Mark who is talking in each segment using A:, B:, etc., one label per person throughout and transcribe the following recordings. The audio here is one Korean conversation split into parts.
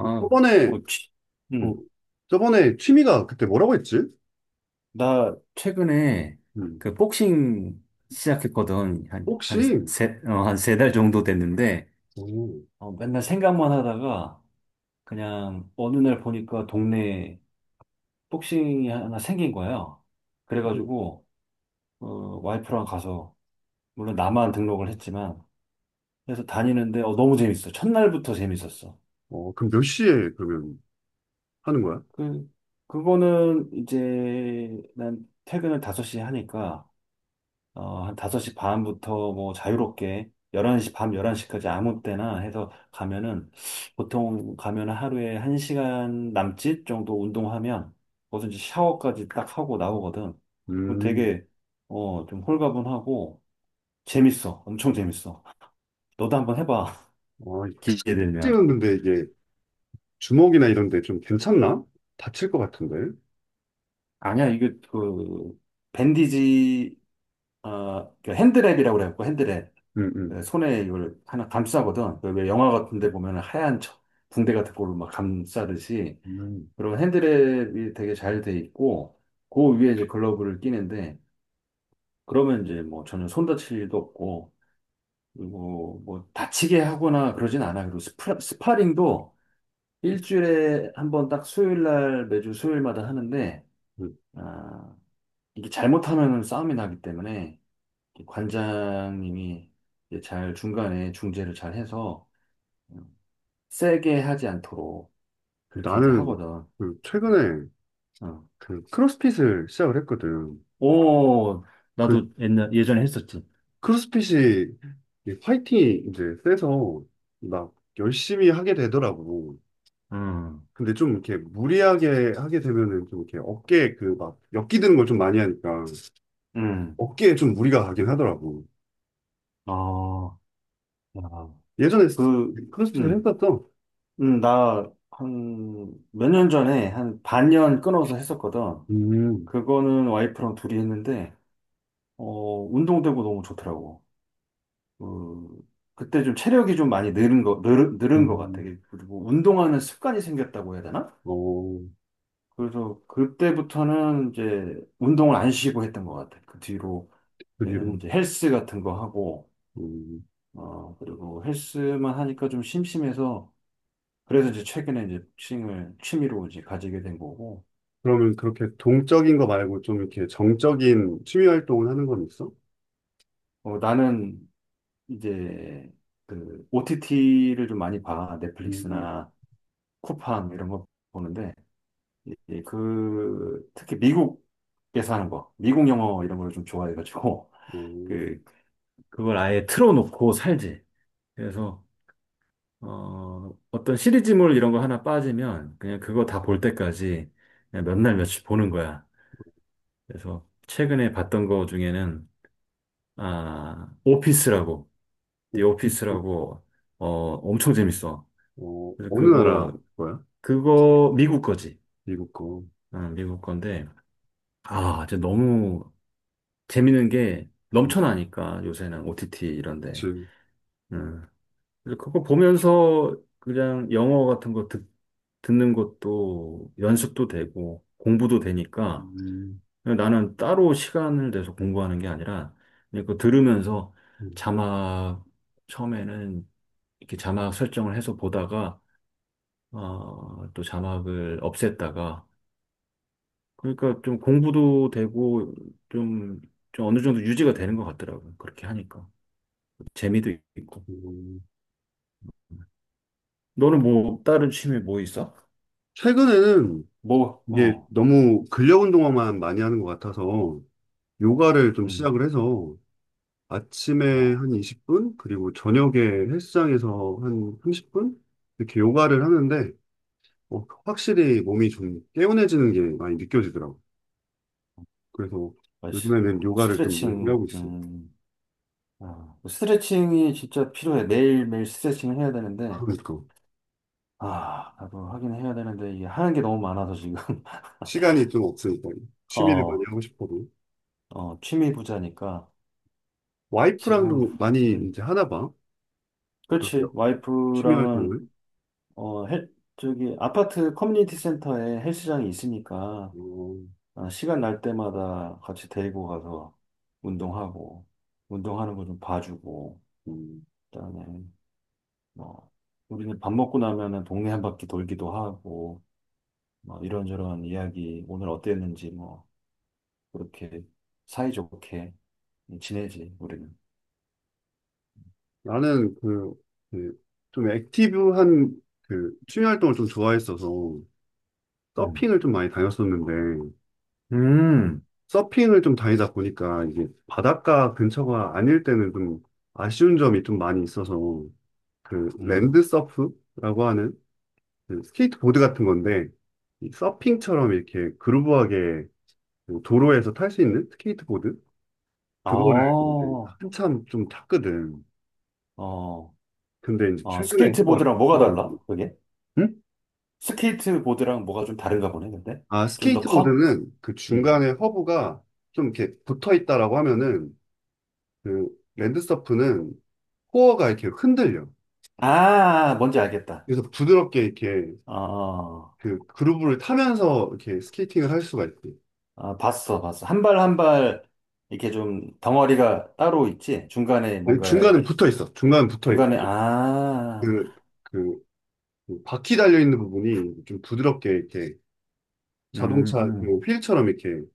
A: 그 저번에,
B: 뭐, 취-
A: 어,
B: 응.
A: 저번에 취미가 그때 뭐라고 했지?
B: 나 최근에
A: 음,
B: 그 복싱 시작했거든. 한, 한
A: 혹시,
B: 세, 어, 한 세 달 정도 됐는데,
A: 어,
B: 맨날 생각만 하다가 그냥 어느 날 보니까 동네에 복싱이 하나 생긴 거예요.
A: 그,
B: 그래가지고, 어, 와이프랑 가서, 물론 나만 등록을 했지만, 그래서 다니는데, 너무 재밌어. 첫날부터 재밌었어.
A: 그럼 몇 시에 그러면 하는 거야?
B: 그, 그거는 이제 난 퇴근을 5시에 하니까, 한 5시 반부터 뭐 자유롭게 11시, 밤 11시까지 아무 때나 해서 가면은 보통 가면 하루에 1시간 남짓 정도 운동하면 거기서 이제 샤워까지 딱 하고 나오거든. 그럼
A: 음,
B: 되게 좀 홀가분하고 재밌어. 엄청 재밌어. 너도 한번 해봐.
A: 아,
B: 기회 되면.
A: 복싱은 근데 이게 주먹이나 이런 데 좀 괜찮나? 다칠 것 같은데.
B: 아니야, 이게 밴디지 그 핸드랩이라고 그래갖고 핸드랩.
A: 음,
B: 예, 손에 이걸 하나 감싸거든. 그왜 영화 같은 데 보면 하얀 붕대 같은 걸로 막 감싸듯이.
A: 음.
B: 그면 핸드랩이 되게 잘 돼 있고, 그 위에 이제 글러브를 끼는데, 그러면 이제 뭐 전혀 손 다칠 일도 없고, 그리고 뭐 다치게 하거나 그러진 않아. 그리고 스파링도 일주일에 한번 딱 수요일 날, 매주 수요일마다 하는데,
A: 음.
B: 아, 이게 잘못하면 싸움이 나기 때문에 관장님이 이제 잘 중간에 중재를 잘 해서 세게 하지 않도록 그렇게 이제
A: 나는
B: 하거든.
A: 그 최근에
B: 어.
A: 그 크로스핏을 시작을 했거든.
B: 오,
A: 그
B: 나도 예전에 했었지.
A: 크로스핏이 이 파이팅이 이제 세서 막 열심히 하게 되더라고.
B: 음,
A: 근데 좀 이렇게 무리하게 하게 되면은 좀 이렇게 어깨에 그 막 엮기 드는 걸 좀 많이 하니까
B: 음,
A: 어깨에 좀 무리가 가긴 하더라고.
B: 어, 야,
A: 예전에
B: 그,
A: 크로스핏을
B: 음,
A: 했었어.
B: 나 한 몇 년 전에 한 반년 끊어서 했었거든.
A: 음,
B: 그거는 와이프랑 둘이 했는데, 운동되고 너무 좋더라고. 그, 그때 좀 체력이 좀 많이 늘은 것 같아.
A: 음,
B: 그리고 운동하는 습관이 생겼다고 해야 되나?
A: 어,
B: 그래서 그때부터는 이제 운동을 안 쉬고 했던 것 같아요. 그 뒤로는
A: 그 뒤로.
B: 이제 헬스 같은 거 하고,
A: 음.
B: 그리고 헬스만 하니까 좀 심심해서, 그래서 이제 최근에 이제 복싱을 취미로 이제 가지게 된 거고,
A: 그러면 그렇게 동적인 거 말고 좀 이렇게 정적인 취미 활동을 하는 건 있어?
B: 나는 이제 그 OTT를 좀 많이 봐.
A: 음,
B: 넷플릭스나 쿠팡 이런 거 보는데, 그, 특히 미국에서 하는 거, 미국 영어 이런 걸 좀 좋아해가지고,
A: 어,
B: 그, 그걸 아예 틀어놓고 살지. 그래서 어떤 시리즈물 이런 거 하나 빠지면 그냥 그거 다 볼 때까지 그냥 몇 날 며칠 보는 거야. 그래서 최근에 봤던 거 중에는 아, 오피스라고,
A: 어,
B: The 오피스라고 어, 엄청 재밌어. 그래서
A: 어느
B: 그거
A: 나라 거야?
B: 그거 미국 거지.
A: 미국 거.
B: 어, 미국 건데 아, 진짜 너무 재밌는 게
A: 미국.
B: 넘쳐나니까 요새는 OTT 이런데.
A: 그치.
B: 그래서 그거 보면서 그냥 영어 같은 거 듣, 듣는 것도 연습도 되고 공부도 되니까
A: 음,
B: 나는 따로 시간을 내서 공부하는 게 아니라 그냥 그거 들으면서
A: 음,
B: 자막 처음에는 이렇게 자막 설정을 해서 보다가 또 자막을 없앴다가 그러니까 좀 공부도 되고 좀, 좀 어느 정도 유지가 되는 것 같더라고요. 그렇게 하니까 재미도 있고.
A: 음.
B: 너는 뭐 다른 취미 뭐 있어?
A: 최근에는
B: 뭐,
A: 이게
B: 어.
A: 너무 근력 운동만 많이 하는 것 같아서 요가를 좀
B: 음,
A: 시작을 해서 아침에
B: 어,
A: 한 20분 그리고 저녁에 헬스장에서 한 30분 이렇게 요가를 하는데 어, 확실히 몸이 좀 개운해지는 게 많이 느껴지더라고. 그래서
B: 맞아.
A: 요즘에는 요가를 좀 열심히
B: 스트레칭,
A: 하고 있어.
B: 아, 뭐 스트레칭이 진짜 필요해. 매일매일 스트레칭을 해야 되는데,
A: 그러니까
B: 아, 나도 하긴 해야 되는데, 이게 하는 게 너무 많아서 지금,
A: 시간이 좀 없으니까 취미를 많이
B: 어,
A: 하고 싶어도
B: 어, 취미 부자니까, 지금,
A: 와이프랑도 많이
B: 음,
A: 이제 하나 봐. 그런
B: 그렇지.
A: 취미
B: 와이프랑은,
A: 활동을.
B: 아파트 커뮤니티 센터에 헬스장이 있으니까,
A: 어,
B: 아, 시간 날 때마다 같이 데리고 가서 운동하고, 운동하는 거 좀 봐주고,
A: 음.
B: 그다음에 뭐, 우리는 밥 먹고 나면은 동네 한 바퀴 돌기도 하고, 뭐, 이런저런 이야기, 오늘 어땠는지, 뭐, 그렇게 사이좋게 지내지, 우리는.
A: 나는 그, 좀 액티브한 그 취미 활동을 좀 좋아했어서
B: 음.
A: 서핑을 좀 많이 다녔었는데
B: 음,
A: 서핑을 좀 다니다 보니까 이게 바닷가 근처가 아닐 때는 좀 아쉬운 점이 좀 많이 있어서 그 랜드
B: 음.
A: 서프라고 하는 그 스케이트보드 같은 건데 이 서핑처럼 이렇게 그루브하게 그 도로에서 탈 수 있는 스케이트보드
B: 아,
A: 그거를 이제
B: 어,
A: 한참 좀 탔거든.
B: 어,
A: 근데 이제 최근에 한번
B: 스케이트보드랑
A: 타
B: 뭐가
A: 가지고
B: 달라? 그게? 스케이트보드랑 뭐가 좀 다른가 보네, 근데?
A: 아,
B: 좀 더 커?
A: 스케이트보드는 그
B: 음.
A: 중간에 허브가 좀 이렇게 붙어 있다라고 하면은 그 랜드서프는 코어가 이렇게 흔들려.
B: 아, 뭔지 알겠다.
A: 그래서 부드럽게 이렇게
B: 어,
A: 그 그루브를 타면서 이렇게 스케이팅을 할 수가 있지.
B: 아, 봤어, 봤어. 한 발 한 발, 이렇게 좀 덩어리가 따로 있지? 중간에
A: 아니,
B: 뭔가
A: 중간은 붙어 있어. 중간은 붙어 있고.
B: 중간에, 아,
A: 그, 그, 그 바퀴 달려 있는 부분이 좀 부드럽게 이렇게 자동차
B: 음,
A: 그 휠처럼 이렇게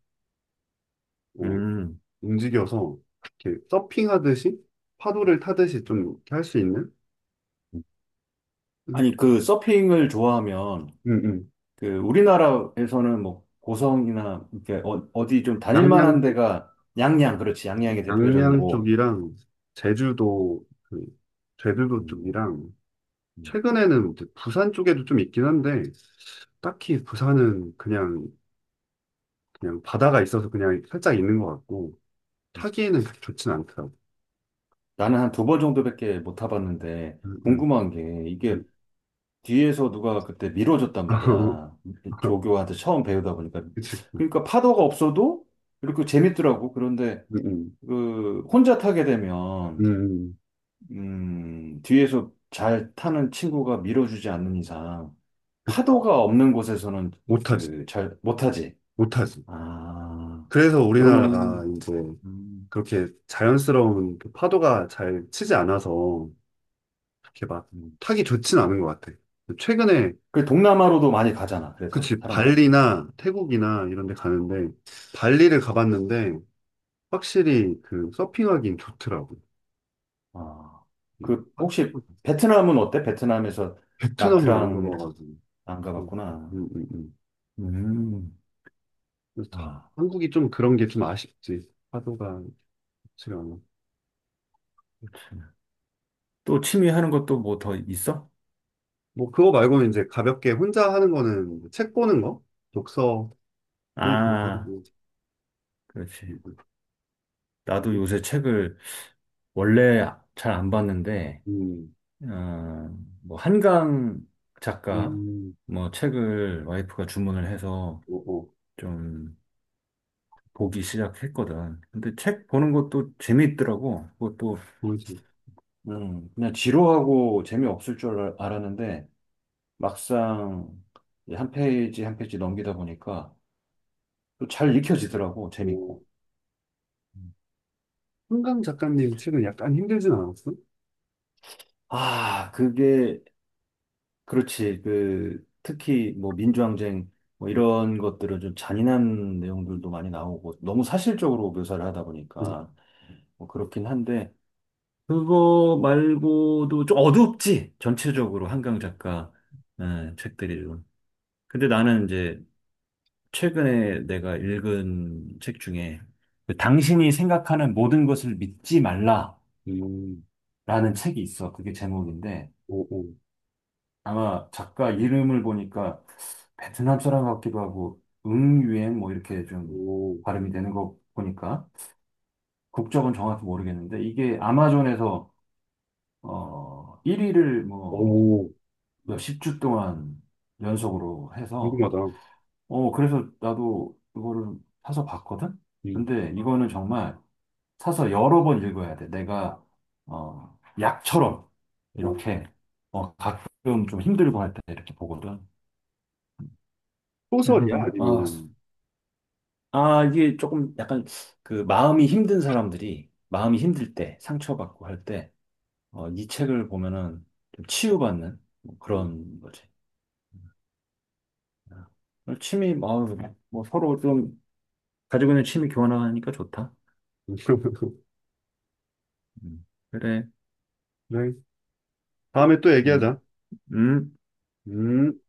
A: 뭐
B: 음.
A: 움직여서 이렇게 서핑하듯이 파도를 타듯이 좀 할 수 있는?
B: 아니,
A: 응,
B: 그 서핑을 좋아하면,
A: 응, 응.
B: 그 우리나라에서는 뭐 고성이나 이렇게 어, 어디 좀 다닐만한
A: 양양
B: 데가 양양, 그렇지. 양양이
A: 양양
B: 대표적이고.
A: 쪽이랑 제주도 그 제주도
B: 음,
A: 쪽이랑
B: 음,
A: 최근에는 이제 부산 쪽에도 좀 있긴 한데 딱히 부산은 그냥 그냥 바다가 있어서 그냥 살짝 있는 것 같고
B: 음.
A: 타기에는 그렇게 좋진 않더라고.
B: 나는 한 두 번 정도밖에 못 타봤는데,
A: 음, 음,
B: 궁금한 게, 이게
A: 음.
B: 뒤에서 누가 그때 밀어줬단 말이야. 조교한테 처음 배우다 보니까.
A: 그치.
B: 그러니까 파도가 없어도 이렇게 재밌더라고. 그런데
A: 음, 음,
B: 그 혼자 타게 되면,
A: 음.
B: 뒤에서 잘 타는 친구가 밀어주지 않는 이상
A: 그-
B: 파도가 없는 곳에서는 그
A: 못하지,
B: 잘 못하지.
A: 못하지.
B: 아,
A: 그래서 우리나라가
B: 그러면
A: 이제
B: 음,
A: 그렇게 자연스러운 그 파도가 잘 치지 않아서 이렇게 막
B: 음.
A: 타기 좋진 않은 것 같아. 최근에
B: 그 동남아로도 많이 가잖아. 그래서
A: 그치,
B: 사람들이.
A: 발리나 태국이나 이런 데 가는데, 발리를 가봤는데, 확실히 그 서핑하기엔 좋더라고.
B: 아,
A: 예.
B: 그
A: 아,
B: 혹시 베트남은 어때? 베트남에서
A: 베트남은 안
B: 나트랑
A: 가봐가지고.
B: 안
A: 예.
B: 가봤구나.
A: 음, 음.
B: 음,
A: 그래서
B: 아,
A: 한국이 좀 그런 게 좀 아쉽지. 파도가 좋지가 않아.
B: 참. 또 취미 하는 것도 뭐 더 있어?
A: 뭐, 그거 말고는 이제 가볍게 혼자 하는 거는 책 보는 거? 독서를 보고 하
B: 아,
A: 음,
B: 그렇지. 나도 요새 책을 원래 잘 안 봤는데.
A: 음,
B: 어, 뭐 한강
A: 음,
B: 작가
A: 음.
B: 뭐 책을 와이프가 주문을 해서
A: 어, 어,
B: 좀 보기 시작했거든. 근데 책 보는 것도 재미있더라고. 그것도
A: 그지
B: 그냥 지루하고 재미없을 줄 알- 알았는데 막상 이한 페이지 한 페이지 넘기다 보니까 또 잘 읽혀지더라고.
A: 뭐,
B: 재밌고. 음.
A: 한강 작가님 책은 약간 힘들진 않았어?
B: 아, 그게 그렇지. 그 특히 뭐 민주항쟁 뭐
A: 예.
B: 이런 것들은 좀 잔인한 내용들도 많이 나오고 너무 사실적으로 묘사를 하다
A: 음,
B: 보니까 뭐 그렇긴 한데 그거 말고도 좀 어둡지. 전체적으로 한강 작가 예, 책들이 좀. 근데 나는 이제 최근에 내가 읽은 책 중에 그 당신이 생각하는 모든 것을 믿지 말라라는
A: 음.
B: 책이 있어. 그게 제목인데
A: 오, 오,
B: 아마 작가 이름을 보니까 베트남 사람 같기도 하고 응유엔 뭐 이렇게 좀
A: 오,
B: 발음이 되는 거 보니까 국적은 정확히 모르겠는데 이게 아마존에서 어 1위를 뭐
A: 오,
B: 몇십 주 동안 연속으로 해서
A: 궁금하다.
B: 어 그래서 나도 이거를 사서 봤거든.
A: 음,
B: 근데 이거는 정말 사서 여러 번 읽어야 돼. 내가 어 약처럼
A: 어,
B: 이렇게 어 가끔 좀 힘들고 할 때 이렇게 보거든. 그래서
A: 소설이야?
B: 아
A: 아니면,
B: 아, 이게 조금 약간 그 마음이 힘든 사람들이 마음이 힘들 때, 상처받고 할 때, 어, 이 책을 보면은 좀 치유받는 뭐
A: 어.
B: 그런 거지. 아, 오늘 취미, 어, 뭐뭐 서로 좀 가지고 있는 취미 교환하니까 좋다. 음, 그래.
A: 네. 다음에 또
B: 음,
A: 얘기하자.
B: 음.
A: 음.